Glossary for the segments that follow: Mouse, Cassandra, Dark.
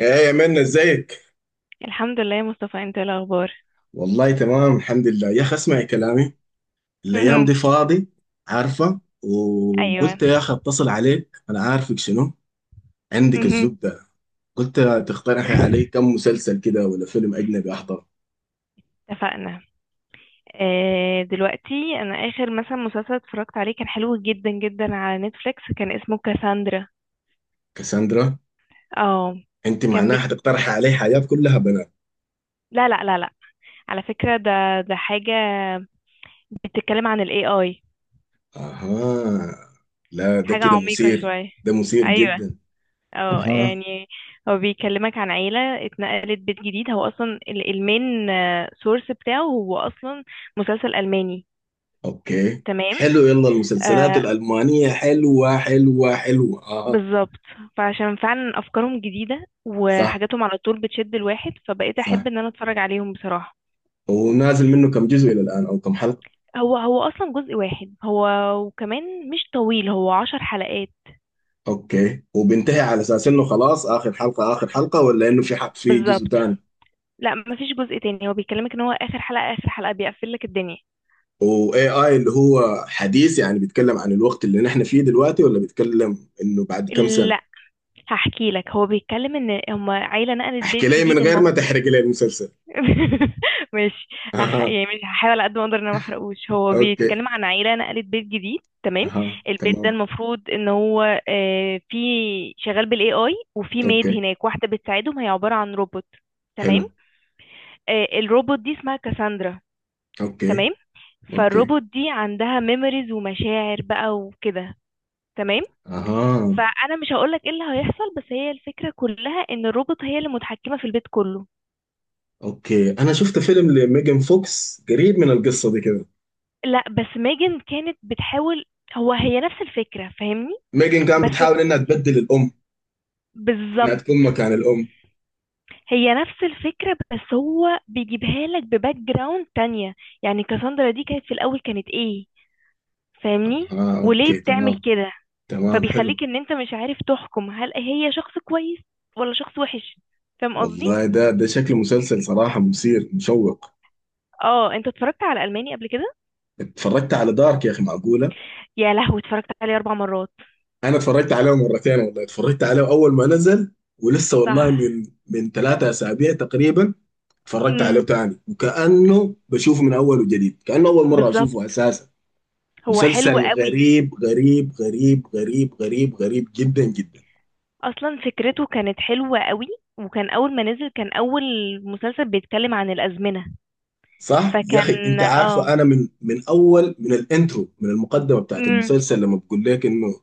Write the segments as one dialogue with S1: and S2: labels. S1: ايه يا منى ازيك؟
S2: الحمد لله يا مصطفى، انت ايه الاخبار؟
S1: والله تمام الحمد لله يا اخي اسمعي كلامي. الايام دي
S2: مهم.
S1: فاضي. عارفه
S2: ايوه.
S1: وقلت يا اخي اتصل عليك، انا عارفك شنو عندك
S2: مهم.
S1: الزبده. قلت تقترحي علي كم مسلسل كده ولا فيلم اجنبي احضره.
S2: اتفقنا. دلوقتي انا اخر مثلا مسلسل اتفرجت عليه كان حلو جدا جدا على نتفليكس، كان اسمه كاساندرا.
S1: كاساندرا،
S2: اه.
S1: انت
S2: كان
S1: معناها
S2: بي...
S1: حتقترحي علي حاجات كلها بنات؟
S2: لا لا لا لا. على فكرة ده حاجة بتتكلم عن الاي اي،
S1: اها، لا ده
S2: حاجة
S1: كده
S2: عميقة
S1: مثير،
S2: شوية.
S1: ده مثير
S2: ايوه.
S1: جدا.
S2: اه
S1: اها،
S2: يعني هو بيكلمك عن عيلة اتنقلت بيت جديد، هو اصلا المين سورس بتاعه، هو اصلا مسلسل الماني.
S1: اوكي
S2: تمام.
S1: حلو، يلا المسلسلات
S2: آه،
S1: الالمانيه حلوه حلوه حلوه اه.
S2: بالظبط. فعشان فعلا افكارهم جديده
S1: صح
S2: وحاجاتهم على طول بتشد الواحد، فبقيت احب
S1: صح،
S2: ان انا اتفرج عليهم بصراحه.
S1: ونازل منه كم جزء الى الان او كم حلقه؟
S2: هو اصلا جزء واحد هو، وكمان مش طويل، هو 10 حلقات.
S1: اوكي، وبينتهي على اساس انه خلاص اخر حلقه اخر حلقه، ولا انه في حق في
S2: بالظبط.
S1: جزء ثاني؟
S2: لا، مفيش جزء تاني، هو بيكلمك ان هو اخر حلقه اخر حلقه بيقفل لك الدنيا.
S1: واي اي اللي هو حديث يعني بيتكلم عن الوقت اللي نحن فيه دلوقتي، ولا بيتكلم انه بعد كم سنه؟
S2: لا، هحكي لك هو بيتكلم ان هما عيله نقلت بيت
S1: احكي لي من
S2: جديد.
S1: غير ما تحرق لي المسلسل.
S2: ماشي.
S1: اها
S2: يعني مش هحاول، على قد ما اقدر ان انا ما احرقوش، هو
S1: اوكي،
S2: بيتكلم عن عيله نقلت بيت جديد. تمام.
S1: اها
S2: البيت ده
S1: تمام،
S2: المفروض ان هو في شغال بالاي اي، وفي ميد
S1: اوكي
S2: هناك واحده بتساعدهم، هي عباره عن روبوت. تمام.
S1: حلو،
S2: الروبوت دي اسمها كاساندرا.
S1: اوكي
S2: تمام.
S1: اوكي،
S2: فالروبوت دي عندها ميموريز ومشاعر بقى وكده. تمام.
S1: اها
S2: فانا مش هقولك ايه اللي هيحصل، بس هي الفكره كلها ان الروبوت هي اللي متحكمه في البيت كله.
S1: اوكي. انا شفت فيلم لميجن فوكس قريب من القصه دي كده.
S2: لا، بس ميجن كانت بتحاول، هو هي نفس الفكرة، فاهمني؟
S1: ميجن كان
S2: بس
S1: بتحاول انها تبدل الام، انها
S2: بالظبط.
S1: تكون مكان الام.
S2: هي نفس الفكرة، بس هو بيجيبها لك بباك جراوند تانية. يعني كاساندرا دي كانت في الأول كانت ايه، فاهمني؟
S1: اه
S2: وليه
S1: اوكي
S2: بتعمل
S1: تمام،
S2: كده،
S1: تمام حلو.
S2: فبيخليك ان انت مش عارف تحكم هل هي شخص كويس ولا شخص وحش، فاهم قصدي؟
S1: والله ده ده شكل مسلسل صراحة مثير مشوق.
S2: اه، انت اتفرجت على ألماني قبل كده؟
S1: اتفرجت على دارك يا اخي، معقولة؟
S2: يا لهوي، اتفرجت عليه اربع مرات.
S1: انا اتفرجت عليه مرتين، والله اتفرجت عليه اول ما نزل، ولسه والله
S2: صح.
S1: من ثلاثة اسابيع تقريبا اتفرجت عليه
S2: امم
S1: تاني، وكأنه بشوفه من اول وجديد، كأنه اول مرة
S2: بالظبط.
S1: اشوفه اساسا.
S2: هو حلو
S1: مسلسل
S2: قوي.
S1: غريب غريب غريب غريب غريب غريب جدا جدا.
S2: اصلا فكرته كانت حلوة قوي، وكان اول ما نزل كان اول مسلسل بيتكلم عن الازمنة.
S1: صح يا اخي،
S2: فكان
S1: انت عارفه انا من اول، من الانترو من المقدمه بتاعت
S2: امم
S1: المسلسل، لما بقول لك انه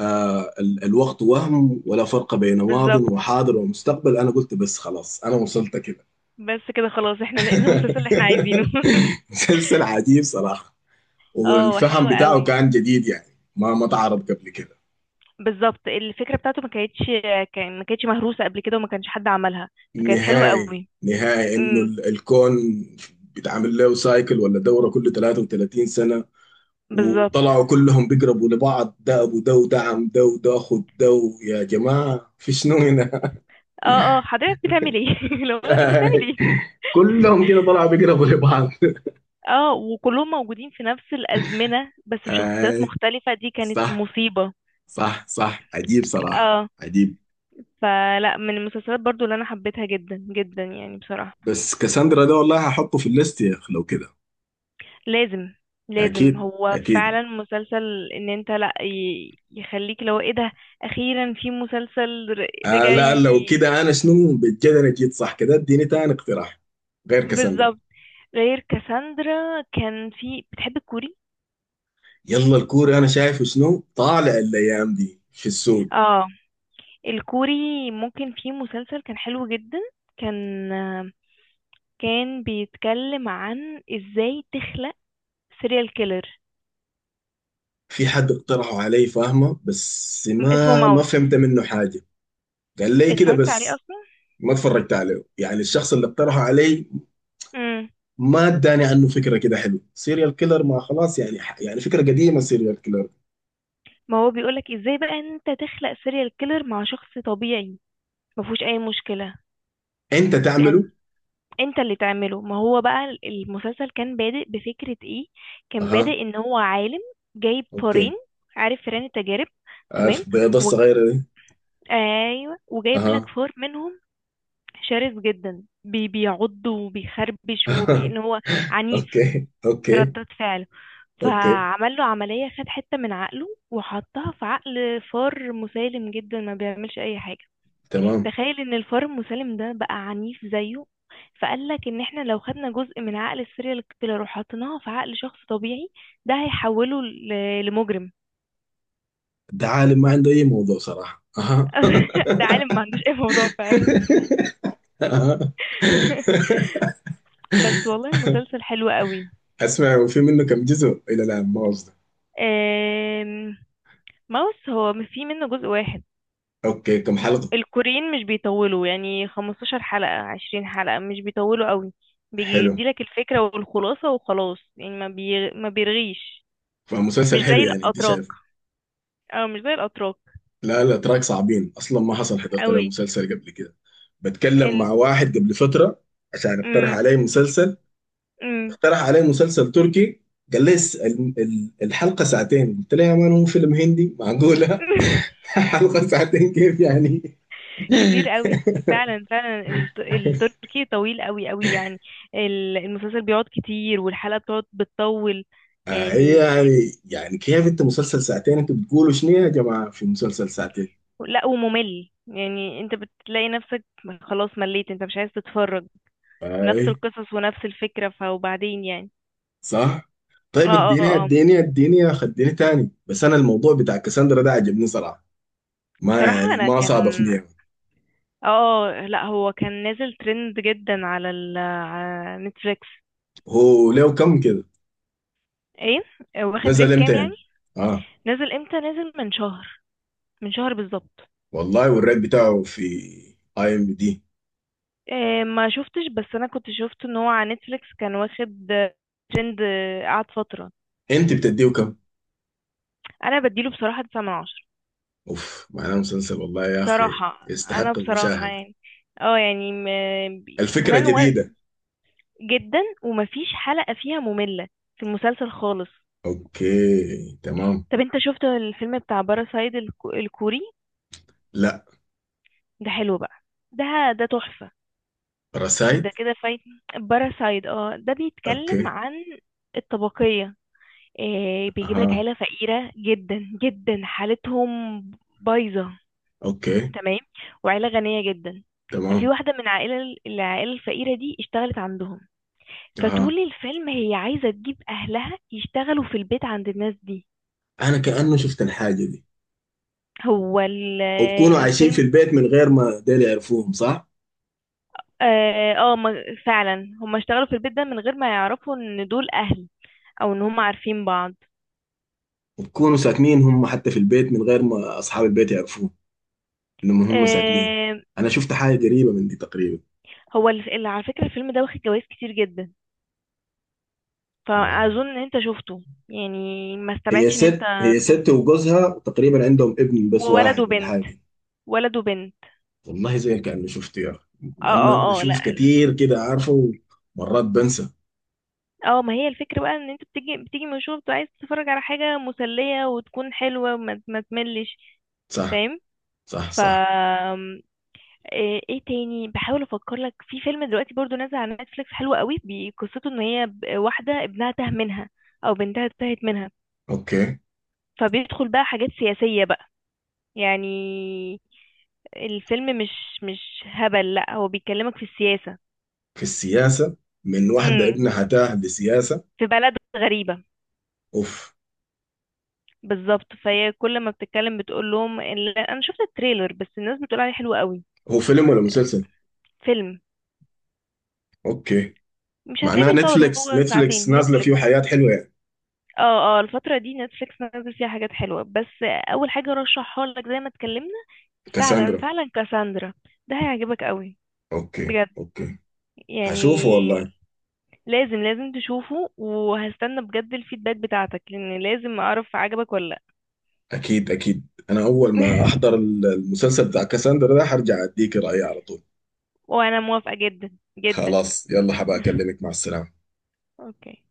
S1: الوقت وهم ولا فرق بين ماض
S2: بالظبط.
S1: وحاضر ومستقبل، انا قلت بس خلاص انا وصلت كده.
S2: بس كده خلاص، احنا لقينا المسلسل اللي احنا عايزينه.
S1: مسلسل عجيب صراحة.
S2: اه، حلو
S1: والفهم بتاعه
S2: قوي.
S1: كان جديد يعني ما تعرض قبل كده
S2: بالظبط، الفكرة بتاعته ما كانتش، كان ما كانتش مهروسة قبل كده وما كانش حد عملها، فكانت حلوة
S1: نهائي
S2: قوي.
S1: نهائي. انه
S2: امم
S1: الكون بيتعمل له سايكل ولا دورة كل 33 سنة،
S2: بالظبط.
S1: وطلعوا كلهم بيقربوا لبعض، ده ابو ده وده عم ده وده اخو ده. يا جماعة في شنو هنا؟
S2: اه، حضرتك بتعمل ايه؟ لو انت بتعمل ايه؟
S1: كلهم كده طلعوا بيقربوا لبعض.
S2: اه وكلهم موجودين في نفس الأزمنة بس بشخصيات
S1: آي.
S2: مختلفة، دي كانت
S1: صح،
S2: مصيبة.
S1: صح صح، عجيب صراحة
S2: اه
S1: عجيب.
S2: فلا، من المسلسلات برضو اللي انا حبيتها جدا جدا يعني بصراحة.
S1: بس كاساندرا ده والله هحطه في الليست يا اخ لو كده.
S2: لازم، لازم
S1: اكيد
S2: هو
S1: اكيد.
S2: فعلا مسلسل ان انت لا يخليك لو ايه ده، اخيرا في مسلسل
S1: آه
S2: رجع
S1: لا لو كده انا شنو بجد، انا جيت صح كده، اديني تاني اقتراح غير كاساندرا.
S2: بالظبط. غير كاساندرا، كان في بتحب الكوري.
S1: يلا الكوري انا شايفه شنو طالع الايام دي في السوق.
S2: اه، الكوري ممكن، في مسلسل كان حلو جدا، كان كان بيتكلم عن ازاي تخلق سيريال كيلر،
S1: في حد اقترحه علي فاهمه، بس
S2: اسمه
S1: ما
S2: ماوس.
S1: فهمت منه حاجة، قال لي كده
S2: اتفرجت عليه
S1: بس، ما اتفرجت عليه، يعني الشخص اللي اقترحه علي
S2: اصلا.
S1: ما اداني عنه فكره كده. حلو سيريال كيلر، ما خلاص يعني يعني فكره قديمه سيريال كيلر.
S2: ما هو بيقولك ازاي بقى ان انت تخلق سيريال كيلر مع شخص طبيعي، ما فيهوش اي مشكلة،
S1: انت تعمله.
S2: يعني انت اللي تعمله. ما هو بقى المسلسل كان بادئ بفكرة ايه، كان
S1: اها
S2: بادئ ان هو عالم جايب
S1: اوكي.
S2: فارين، عارف فئران التجارب؟ تمام.
S1: عارف البيضه
S2: و...
S1: الصغيره دي.
S2: ايوه، وجايب لك
S1: اها
S2: فار منهم شرس جدا، بيعض وبيخربش، وبان هو عنيف
S1: اوكي
S2: في
S1: اوكي،
S2: ردات فعله،
S1: اوكي
S2: فعمل له عملية، خد حتة من عقله وحطها في عقل فار مسالم جدا ما بيعملش اي حاجة،
S1: تمام.
S2: تخيل ان الفار المسالم ده بقى عنيف زيه. فقال لك ان احنا لو خدنا جزء من عقل السيريال كيلر وحطيناه في عقل شخص طبيعي، ده هيحوله لمجرم.
S1: ده عالم ما عنده اي موضوع صراحه، اها
S2: ده عالم ما عندوش اي موضوع فعلا.
S1: اها
S2: بس والله المسلسل حلو قوي.
S1: اسمع، وفي منه كم جزء الى الان ما قصده؟
S2: آم، ماوس هو في منه جزء واحد.
S1: اوكي كم حلقه؟
S2: الكوريين مش بيطولوا، يعني 15 حلقة 20 حلقة، مش بيطولوا قوي، بيجي
S1: حلو،
S2: يديلك الفكرة والخلاصة وخلاص، يعني ما بيرغيش، مش
S1: فمسلسل حلو
S2: زي
S1: يعني انت
S2: الأتراك.
S1: شايفه.
S2: اه مش زي الأتراك
S1: لا لا، تراك صعبين اصلا، ما حصل حضرت له
S2: قوي.
S1: مسلسل قبل كده. بتكلم
S2: ال
S1: مع واحد قبل فتره عشان اقترح
S2: مم.
S1: عليه مسلسل،
S2: مم.
S1: اقترح علي مسلسل تركي، قال لي الحلقة ساعتين، قلت له يا مان هو فيلم هندي معقولة؟ حلقة ساعتين كيف يعني؟
S2: كتير قوي، فعلا فعلا، التركي طويل قوي قوي يعني، المسلسل بيقعد كتير، والحلقة بتقعد بتطول
S1: آه إيه
S2: يعني.
S1: يعني، يعني كيف انت مسلسل ساعتين، انتوا بتقولوا شنو يا جماعة في مسلسل ساعتين؟
S2: لا، وممل، يعني انت بتلاقي نفسك خلاص مليت، انت مش عايز تتفرج،
S1: اي
S2: نفس القصص ونفس الفكرة فوبعدين يعني.
S1: صح.
S2: اه
S1: طيب
S2: اه
S1: اديني
S2: اه.
S1: اديني اديني يا اخي اديني تاني، بس انا الموضوع بتاع كاساندرا ده عجبني صراحة، ما
S2: بصراحة
S1: يعني
S2: انا
S1: ما
S2: كان
S1: صعب في نية.
S2: لا هو كان نازل ترند جدا على على نتفليكس.
S1: هو له كم كده،
S2: ايه، واخد
S1: نزل
S2: ريت
S1: امتى
S2: كام يعني؟
S1: يعني؟ اه،
S2: نزل امتى؟ نزل من شهر، من شهر بالظبط.
S1: والله والريت بتاعه في اي ام دي؟
S2: ما شفتش، بس انا كنت شفت ان هو على نتفليكس كان واخد ترند، قعد فترة.
S1: انت بتديه كم؟
S2: انا بديله بصراحة 9 من 10.
S1: اوف، معناه مسلسل والله يا اخي
S2: بصراحة انا
S1: يستحق
S2: بصراحة
S1: المشاهدة.
S2: يعني، اه يعني
S1: الفكرة
S2: كمان
S1: جديدة.
S2: جدا، ومفيش حلقة فيها مملة في المسلسل خالص.
S1: اوكي تمام.
S2: طب انت شفت الفيلم بتاع باراسايد، الكوري؟
S1: لا.
S2: ده حلو بقى، ده ده تحفة، ده
S1: رسايد.
S2: كده فايت. باراسايد، ده بيتكلم
S1: اوكي
S2: عن الطبقية. بيجيب لك
S1: اها،
S2: عيلة فقيرة جدا جدا، حالتهم بايظة،
S1: اوكي
S2: تمام، وعيلة غنية جدا. ففي
S1: تمام،
S2: واحدة من العائلة الفقيرة دي اشتغلت عندهم،
S1: اها.
S2: فطول الفيلم هي عايزة تجيب أهلها يشتغلوا في البيت عند الناس دي.
S1: انا كأنه شفت الحاجة دي،
S2: هو ال-
S1: وبكونوا عايشين في
S2: الفيلم
S1: البيت من غير ما ديل يعرفوهم، صح؟
S2: فعلا هما اشتغلوا في البيت ده من غير ما يعرفوا ان دول أهل، أو ان هما عارفين بعض.
S1: وبكونوا ساكنين هم حتى في البيت من غير ما اصحاب البيت يعرفوهم انهم هم ساكنين.
S2: آه،
S1: انا شفت حاجة قريبة من دي تقريبا.
S2: على فكرة الفيلم ده واخد جوائز كتير جدا،
S1: آه.
S2: فاظن ان انت شفته يعني، ما
S1: هي
S2: استبعدش ان انت
S1: ست، هي
S2: تكون.
S1: ست وجوزها تقريبا عندهم ابن بس
S2: وولد
S1: واحد ولا
S2: وبنت،
S1: حاجة كده.
S2: ولد وبنت.
S1: والله زي كأني شفته يا أخي،
S2: اه
S1: لأنه أنا
S2: اه اه، لا
S1: بشوف
S2: لا.
S1: كتير كده عارفه، ومرات بنسى.
S2: اه ما هي الفكرة بقى ان انت بتيجي بتيجي من الشغل، بتبقى عايز تتفرج على حاجة مسلية وتكون حلوة، وما ما تملش،
S1: صح
S2: فاهم؟
S1: صح
S2: ف
S1: صح.
S2: إيه تاني، بحاول افكر لك في فيلم دلوقتي برضو نازل على نتفليكس حلو قوي، قصته ان هي واحدة ابنها تاه منها او بنتها تاهت منها،
S1: أوكي،
S2: فبيدخل بقى حاجات سياسية بقى، يعني الفيلم مش هبل، لا هو بيكلمك في السياسة.
S1: في السياسة؟ من واحدة
S2: امم
S1: ابنها تاه لسياسة؟
S2: في بلد غريبة.
S1: أوف.
S2: بالظبط، فهي كل ما بتتكلم بتقول لهم انا شفت التريلر بس، الناس بتقول عليه حلو قوي.
S1: هو فيلم ولا مسلسل؟
S2: فيلم.
S1: أوكي.
S2: مش هتلاقيه
S1: معناها
S2: بيطول،
S1: نتفليكس
S2: هو
S1: نتفليكس
S2: ساعتين،
S1: نازلة
S2: نتفليكس.
S1: فيه حياة حلوة يعني.
S2: اه اه، الفترة دي نتفليكس نازل فيها حاجات حلوة، بس اول حاجة رشحها لك زي ما اتكلمنا، فعلا
S1: كاساندرا.
S2: فعلا كاساندرا، ده هيعجبك قوي
S1: أوكي
S2: بجد
S1: أوكي.
S2: يعني.
S1: هشوفه والله.
S2: لازم لازم تشوفه، وهستنى بجد الفيدباك بتاعتك، لان لازم اعرف عجبك ولا لا.
S1: أكيد أكيد، أنا أول ما أحضر المسلسل بتاع كاساندرا ده هرجع أديك رأيي على طول.
S2: وانا موافقة جدا جدا.
S1: خلاص يلا حبا أكلمك، مع السلامة.
S2: اوكي.